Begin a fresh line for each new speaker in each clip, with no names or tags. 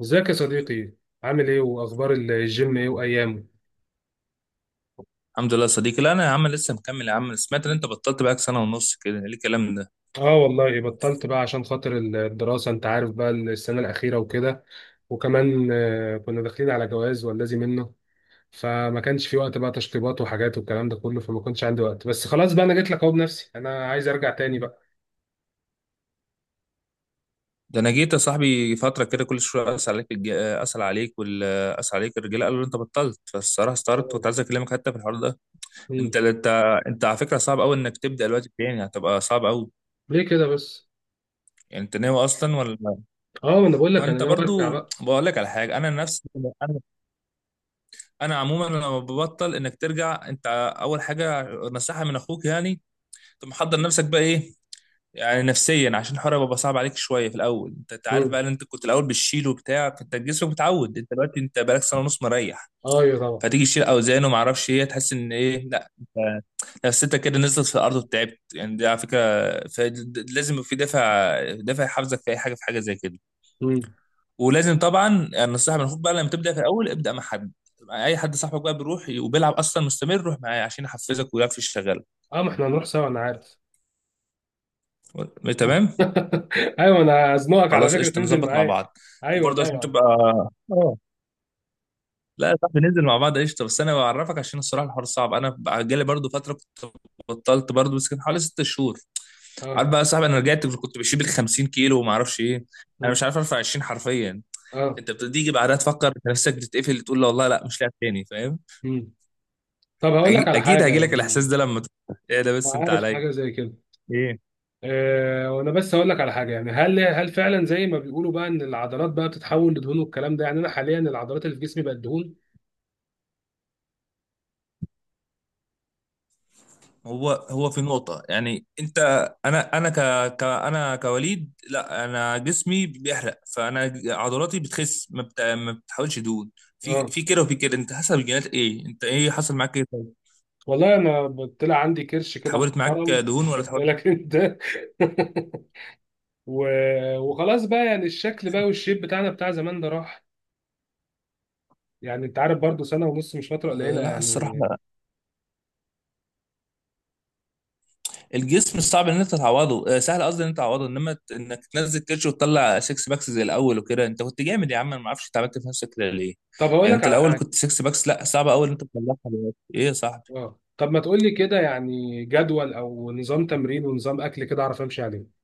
ازيك يا صديقي؟ عامل ايه واخبار الجيم ايه وايامه؟
الحمد لله يا صديقي. لا انا يا عم لسه مكمل يا عم. سمعت ان انت بطلت بقى سنه ونص، كده ايه الكلام ده؟
اه والله بطلت بقى عشان خاطر الدراسة، انت عارف بقى السنة الأخيرة وكده. وكمان كنا داخلين على جواز والذي منه. فما كانش في وقت بقى تشطيبات وحاجات والكلام ده كله، فما كنتش عندي وقت. بس خلاص بقى انا جيت لك اهو بنفسي، انا عايز ارجع تاني بقى.
ده انا جيت يا صاحبي فتره كده، كل شويه اسال عليك. الج... اسال عليك وال اسال عليك الرجاله، قالوا انت بطلت، فالصراحه استغربت، كنت عايز اكلمك حتى في الحوار ده. انت
مم.
انت انت على فكره صعب قوي انك تبدا دلوقتي تاني، هتبقى صعب قوي.
ليه كده بس؟
يعني انت ناوي اصلا ولا؟
اه، ما انا بقول لك انا
وانت
ناوي ارجع
برضو
بقى.
بقول لك على حاجه انا نفسي انا. انا عموما لما ببطل، انك ترجع انت، اول حاجه نصيحه من اخوك يعني. انت محضر نفسك بقى ايه يعني نفسيا؟ عشان الحوار بقى صعب عليك شويه في الاول. انت عارف
مم.
بقى ان انت كنت الاول بتشيل وبتاع، فانت جسمك متعود. انت دلوقتي انت بقالك سنه ونص مريح.
ايوه، طبعا.
فتيجي تشيل اوزان وما اعرفش ايه، تحس ان ايه، لا انت نفسيتك كده نزلت في الارض وتعبت يعني، دي على فكره. ف- لازم يبقى في دافع، دافع يحفزك في اي حاجه، في حاجه زي كده.
مم.
ولازم طبعا النصيحه من المفروض بقى لما تبدا في الاول، ابدا مع حد، مع اي حد، صاحبك بقى بيروح وبيلعب اصلا مستمر، روح معاه عشان يحفزك ويعرف يشتغل.
اه، ما احنا هنروح سوا انا عارف.
تمام.
ايوه، انا هزنقك على
خلاص
فكرة
قشطه،
تنزل
نظبط مع
معايا.
بعض.
ايوه،
وبرضه عشان
طبعا.
تبقى اه لا يا صاحبي، ننزل مع بعض قشطه، بس انا بعرفك عشان الصراحه الحوار صعب. انا بقى جالي برضه فتره كنت بطلت برضه، بس كان حوالي ست شهور. عارف
اه.
بقى يا صاحبي، انا رجعت كنت بشيل 50 كيلو وما اعرفش ايه، انا
مم.
مش عارف ارفع 20 حرفيا.
اه.
انت بتيجي بعدها تفكر في نفسك، بتتقفل، تقول لا والله لا، مش لاعب تاني، فاهم.
مم. طب هقول لك على
اكيد
حاجه
هيجي لك الاحساس
يعني.
ده لما ايه ده
انا
بس انت
عارف
عليا،
حاجه زي كده.
ايه.
وانا بس هقول لك على حاجه، يعني هل فعلا زي ما بيقولوا بقى ان العضلات بقى بتتحول لدهون والكلام ده؟ يعني انا حاليا العضلات اللي في جسمي بقت دهون؟
هو هو في نقطة يعني انت، انا انا ك, ك انا كوليد، لا انا جسمي بيحرق، فانا عضلاتي بتخس، ما بتحاولش دهون. في
اه
في كده وفي كده، انت حسب الجينات ايه، انت ايه حصل معاك ايه، طيب
والله، انا طلع عندي كرش كده
اتحولت معاك
محترم،
دهون ولا
واخد
اتحولت؟
بالك انت؟ و... وخلاص بقى، يعني الشكل بقى والشيب بتاعنا بتاع زمان ده راح. يعني انت عارف برضو، سنه ونص مش فتره
آه،
قليله
لا الصراحة
يعني.
لا، الجسم صعب ان انت تعوضه، سهل قصدي ان انت تعوضه، انما انك تنزل كرش وتطلع سكس باكس زي الاول وكده، انت كنت جامد يا عم، انا ما اعرفش انت عملت في نفسك كده ليه.
طب هقول
يعني
لك
انت
على
الاول
حاجه.
كنت سكس باكس، لا صعب قوي ان انت تطلعها دلوقتي. ايه يا صاحبي،
اه، طب ما تقول لي كده يعني جدول او نظام تمرين ونظام اكل كده اعرف امشي عليه.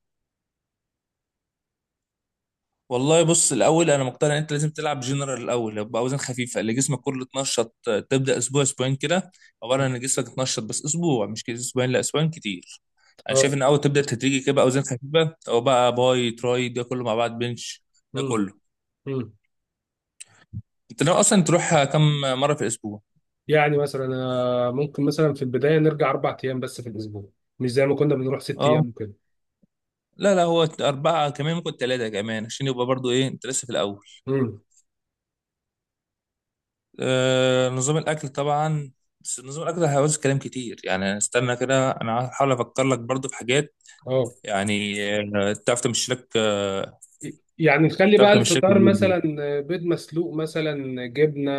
والله بص، الاول انا مقتنع ان انت لازم تلعب جنرال الاول، يبقى اوزان خفيفه اللي جسمك كله اتنشط. تبدا اسبوع اسبوعين كده، عباره عن ان جسمك اتنشط، بس اسبوع مش كده، اسبوعين، لا اسبوعين كتير. انا
اه.
شايف ان اول تبدا تدريجي كده بقى، اوزان خفيفه او بقى باي تراي، ده كله مع بعض، بنش، ده
امم.
كله.
امم.
انت ناوي اصلا تروح كم مره في الاسبوع؟
يعني مثلا ممكن مثلا في البدايه نرجع 4 ايام بس في الاسبوع. مش زي ما كنا بنروح ست
اه
ايام كده.
لا لا، هو اربعه، كمان ممكن ثلاثه، كمان عشان يبقى برضو ايه، انت لسه في الاول.
امم.
نظام الاكل طبعا، بس نظام الاكل هيعوز كلام كتير يعني، استنى كده، انا هحاول افكر لك برضو في حاجات،
اه.
يعني تعرف تمشي لك،
يعني نخلي
تعرف
بقى
تمشي لك
الفطار
اليوم ده.
مثلا بيض مسلوق، مثلا جبنه،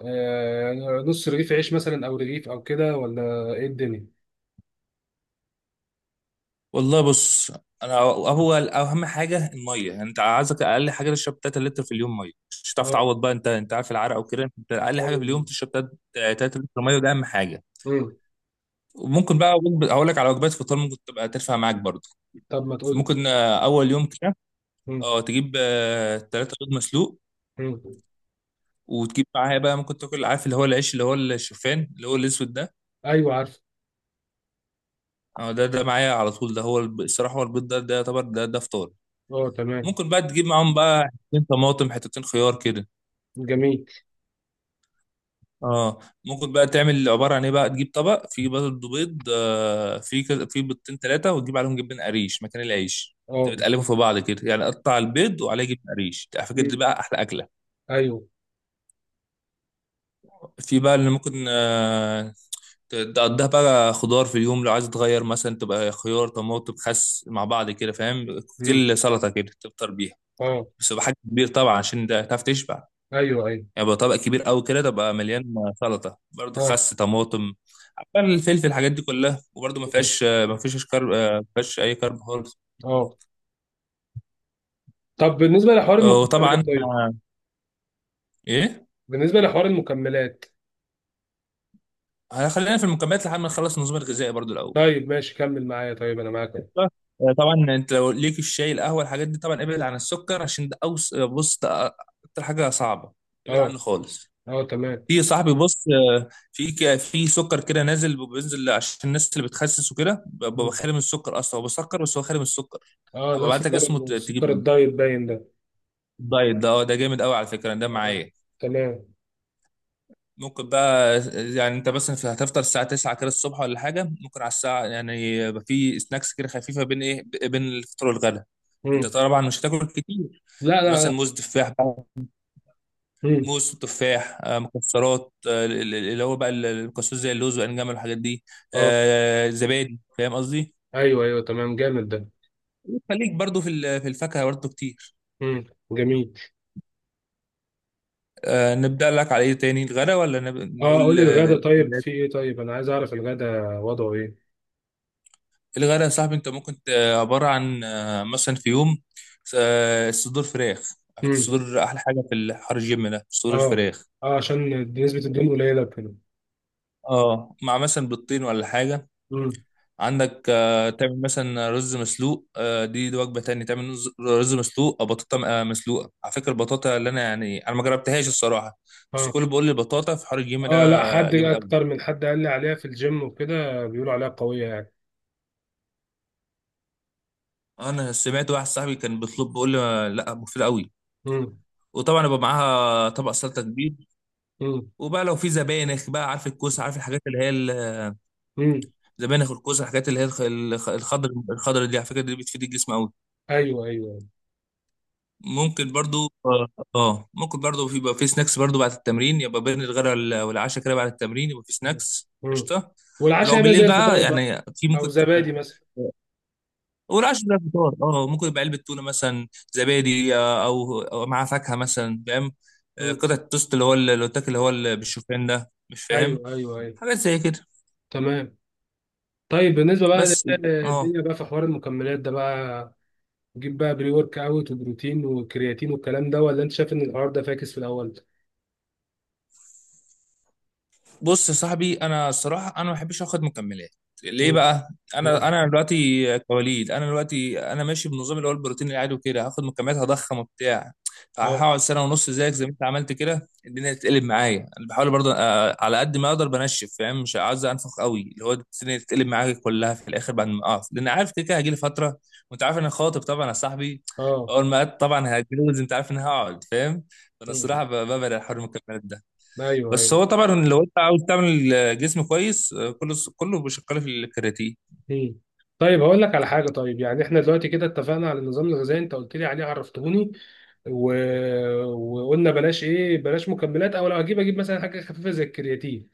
آه، نص رغيف عيش، مثلا او رغيف او كده، ولا ايه الدنيا؟
والله بص، انا هو اهم حاجه الميه، يعني انت عايزك اقل حاجه تشرب 3 لتر في اليوم ميه، مش هتعرف
اه.
تعوض بقى، انت عارف العرق وكده، انت اقل حاجه في اليوم
ايوه.
تشرب 3 لتر ميه، وده اهم حاجه.
امم.
وممكن بقى هقول لك على وجبات فطار، ممكن تبقى ترفع معاك برضه،
طب ما تقول.
ممكن اول يوم كده،
امم.
اه تجيب تلاتة بيض مسلوق،
امم.
وتجيب معاها بقى، ممكن تاكل عارف اللي هو العيش اللي هو الشوفان اللي هو الاسود ده،
ايوه، عارف.
اه ده معايا على طول، ده هو الصراحه هو البيض ده، ده يعتبر، ده ده فطار.
اه، تمام.
ممكن بقى تجيب معاهم بقى حتتين طماطم حتتين خيار كده.
جميل.
اه ممكن بقى تعمل عباره عن ايه بقى، تجيب طبق فيه برضه بيض، فيه فيه بيضتين ثلاثه، وتجيب عليهم جبن قريش مكان العيش،
اه.
تقلبهم في بعض كده، يعني قطع البيض وعليه جبن قريش، على فكره دي
مم.
بقى احلى اكله.
ايوه.
في بقى اللي ممكن تقضيها بقى خضار في اليوم لو عايز تغير، مثلا تبقى خيار طماطم خس مع بعض كده، فاهم،
مم.
كوكتيل سلطه كده، تفطر بيها،
اه.
بس يبقى حجم كبير طبعا عشان ده تعرف تشبع،
ايوه، ايوه.
يعني يبقى طبق كبير قوي كده تبقى مليان، سلطه برضه،
اه.
خس طماطم عبال الفلفل، الحاجات دي كلها، وبرضه ما
مم.
فيهاش، ما فيش كارب، ما فيهاش اي كارب خالص.
اه، طب بالنسبه لحوار
وطبعا
المكملات طيب.
ايه،
بالنسبه لحوار المكملات.
خلينا في المكملات لحد ما نخلص النظام الغذائي برضه الاول.
طيب ماشي، كمل معايا، طيب انا معاك أهو.
طبعا انت لو ليك الشاي القهوه الحاجات دي، طبعا ابعد عن السكر، عشان ده بص ده اكتر حاجه صعبه، ابعد عنه
اه.
خالص.
اه، تمام.
في يا صاحبي بص، في في سكر كده نازل، بينزل عشان الناس اللي بتخسس وكده، ببقى
مم.
خالي من السكر، اصلا هو بسكر بس هو خالي من السكر،
اه،
هبقى
ده
ابعت لك
سكر.
اسمه تجيب
سكر
منه.
الدايت باين ده.
الدايت ده اه، ده جامد قوي على فكره، ده
آه.
معايا.
تمام.
ممكن بقى يعني انت مثلا هتفطر الساعه 9 كده الصبح ولا حاجه، ممكن على الساعه يعني، يبقى في سناكس كده خفيفه بين ايه بين الفطار والغدا. انت
مم.
طبعا مش هتاكل كتير،
لا، لا،
فمثلا
لا.
موز تفاح بقى،
مم.
موز تفاح، مكسرات، آه، ال- ال- اللي هو بقى ال- المكسرات زي اللوز والانجام والحاجات دي،
اه،
زبادي، فاهم قصدي.
ايوه، ايوه، تمام، جامد ده.
خليك برضو في الفاكهه برضو كتير.
مم. جميل.
نبدا لك على ايه تاني، الغدا ولا
اه،
نقول
قولي الغدا طيب،
الحلويات؟
في ايه؟ طيب انا عايز اعرف الغدا وضعه ايه؟
الغدا يا صاحبي انت ممكن عباره عن، مثلا في يوم صدور فراخ، على فكره
مم.
الصدور احلى حاجه في الحر الجيم ده، صدور
اه.
الفراخ،
اه، عشان نسبه الدهون قليله كده.
اه مع مثلا بيضتين ولا حاجه.
مم.
عندك تعمل مثلا رز مسلوق، دي وجبه تانية، تعمل رز، مسلوق او بطاطا، مسلوقه. على فكره البطاطا، اللي انا يعني انا ما جربتهاش الصراحه، بس
اه.
كل بيقول لي البطاطا في حوار الجيم ده
اه، لا حد
جامد
اكتر
قوي.
من حد قال لي عليها في الجيم وكده، بيقولوا عليها قويه يعني.
انا سمعت واحد صاحبي كان بيطلب بيقول لي لا، مفيد قوي.
امم.
وطبعا يبقى معاها طبق سلطه كبير.
امم.
وبقى لو في زبانخ بقى، عارف الكوسه، عارف الحاجات اللي هي
امم.
زبانخ الكوسه، الحاجات اللي هي الخضر دي على فكره، دي بتفيد الجسم قوي.
ايوه، ايوه.
ممكن برضو اه، ممكن برضو يبقى في سناكس برضو بعد التمرين، يبقى بين الغداء والعشاء كده بعد التمرين، يبقى في سناكس
امم.
قشطه. ولو
والعشاء يبقى زي
بالليل بقى
الفطار بقى؟
يعني، في
او
ممكن
زبادي
تونه،
مثلا.
والعشاء بقى فطار، اه ممكن يبقى علبه تونه مثلا، زبادي، او مع فاكهه مثلا، فاهم،
امم.
قطعه توست، اللي هو اللي بتاكل، اللي بالشوفان ده، مش
ايوه،
فاهم،
ايوه، ايوه.
حاجات زي كده.
تمام. طيب بالنسبه بقى
بس اه
للدنيا بقى، في حوار المكملات ده بقى، جيب بقى بري ورك اوت وبروتين وكرياتين والكلام ده، ولا انت شايف ان الحوار ده فاكس في الاول؟
بص يا صاحبي، انا الصراحه انا ما بحبش اخد مكملات.
امم.
ليه بقى؟ انا
اه.
انا دلوقتي كوليد، انا دلوقتي انا ماشي بنظام اللي هو البروتين العادي وكده، هاخد مكملات هضخم وبتاع،
اه.
فهقعد سنه ونص زيك زي ما انت عملت كده، الدنيا تتقلب معايا. انا بحاول برضه على قد ما اقدر بنشف، فاهم، مش عايز انفخ قوي اللي هو الدنيا تتقلب معايا كلها في الاخر بعد ما اقف، لان عارف كده كده هجيلي فتره، وانت عارف إن انا خاطب طبعا يا صاحبي،
آه.
اول ما طبعا هتجوز، انت عارف ان هقعد، فاهم، فانا
مم.
الصراحه ببعد عن حوار المكملات ده.
ايوه،
بس
ايوه.
هو طبعا لو انت عاوز تعمل جسم كويس، كله كله بيشكل في الكرياتين.
مم. طيب هقول لك على حاجه طيب، يعني احنا دلوقتي كده اتفقنا على النظام الغذائي، انت قلت لي عليه عرفتهوني. و... وقلنا بلاش ايه، بلاش مكملات، او لو هجيب اجيب مثلا حاجه خفيفه زي الكرياتين.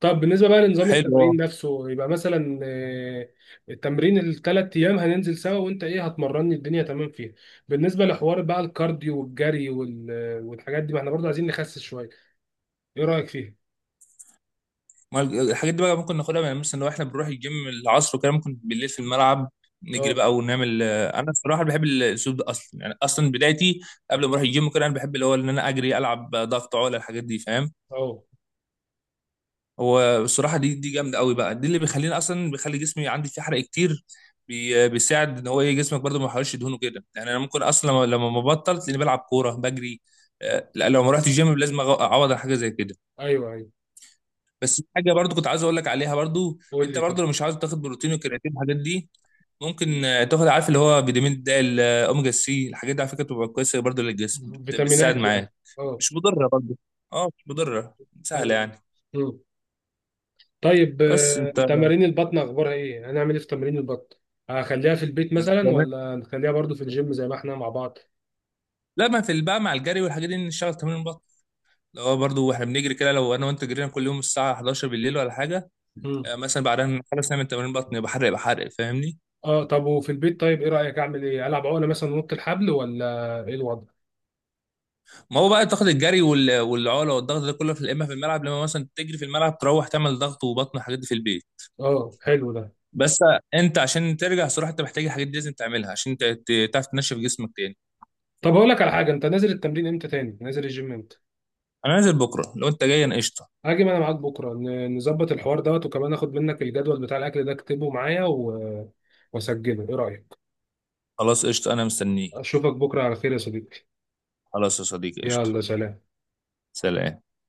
طب بالنسبه بقى لنظام
حلو اه،
التمرين نفسه، يبقى مثلا التمرين ال3 ايام هننزل سوا، وانت ايه هتمرني، الدنيا تمام فيها؟ بالنسبه لحوار بقى الكارديو والجري والحاجات دي، ما احنا برضه عايزين نخسس شويه. ايه رايك فيها؟
ما الحاجات دي بقى ممكن ناخدها، يعني مثلا لو احنا بنروح الجيم العصر وكده، ممكن بالليل في الملعب نجري
اه.
بقى ونعمل انا الصراحه بحب الاسلوب ده اصلا، يعني اصلا بدايتي قبل ما اروح الجيم كده، انا بحب اللي هو ان انا اجري العب ضغط عقله الحاجات دي، فاهم،
اه.
هو الصراحه دي جامده قوي بقى، دي اللي بيخليني اصلا بيخلي جسمي عندي فيه حرق كتير، بيساعد ان هو ايه، جسمك برضه ما يحرقش دهونه كده يعني، انا ممكن اصلا لما ما بطل تلاقيني بلعب كوره بجري. لا لو ما رحتش الجيم لازم اعوض على حاجه زي كده.
ايوه، ايوه.
بس في حاجه برضه كنت عايز اقول لك عليها برضه،
قول
انت
لي طب.
برضه لو مش عاوز تاخد بروتين وكرياتين الحاجات دي، ممكن تاخد عارف اللي هو فيتامين د اوميجا سي، الحاجات دي على فكره بتبقى كويسه برضه للجسم، بتساعد
فيتامينات يعني؟
معاك،
اه.
مش مضره برضه. اه مش مضره، سهله
ايوه.
يعني.
طيب
بس انت،
تمارين البطن اخبارها ايه؟ هنعمل ايه في تمارين البطن؟ هخليها في البيت مثلا، ولا نخليها برضو في الجيم زي ما احنا مع بعض؟
لا ما في بقى مع الجري والحاجات دي نشتغل تمرين بطن، اللي هو برضه واحنا بنجري كده، لو انا وانت جرينا كل يوم الساعه 11 بالليل ولا حاجه،
مم.
مثلا بعدها نخلص نعمل تمرين بطن، يبقى حرق يبقى حرق، فاهمني.
اه. طب وفي البيت طيب، ايه رايك؟ اعمل ايه؟ العب عقله مثلا ونط الحبل، ولا ايه الوضع؟
ما هو بقى تاخد الجري والعقله والضغط ده كله في، اما في الملعب لما مثلا تجري، في الملعب تروح تعمل ضغط وبطن والحاجات دي في البيت.
اه، حلو ده.
بس انت عشان ترجع صراحه انت محتاج الحاجات دي، لازم تعملها عشان تعرف تنشف جسمك تاني.
طب هقول لك على حاجه، انت نازل التمرين امتى؟ تاني نازل الجيم امتى؟
انا نازل بكره لو انت جاي انا قشطه.
هاجي انا معاك بكره، نظبط الحوار دوت، وكمان اخد منك الجدول بتاع الاكل ده اكتبه معايا واسجله، ايه رايك؟
خلاص قشطه، انا مستنيك.
اشوفك بكره على خير يا صديقي.
خلاص يا صديقي قشطه.
يلا سلام.
سلام.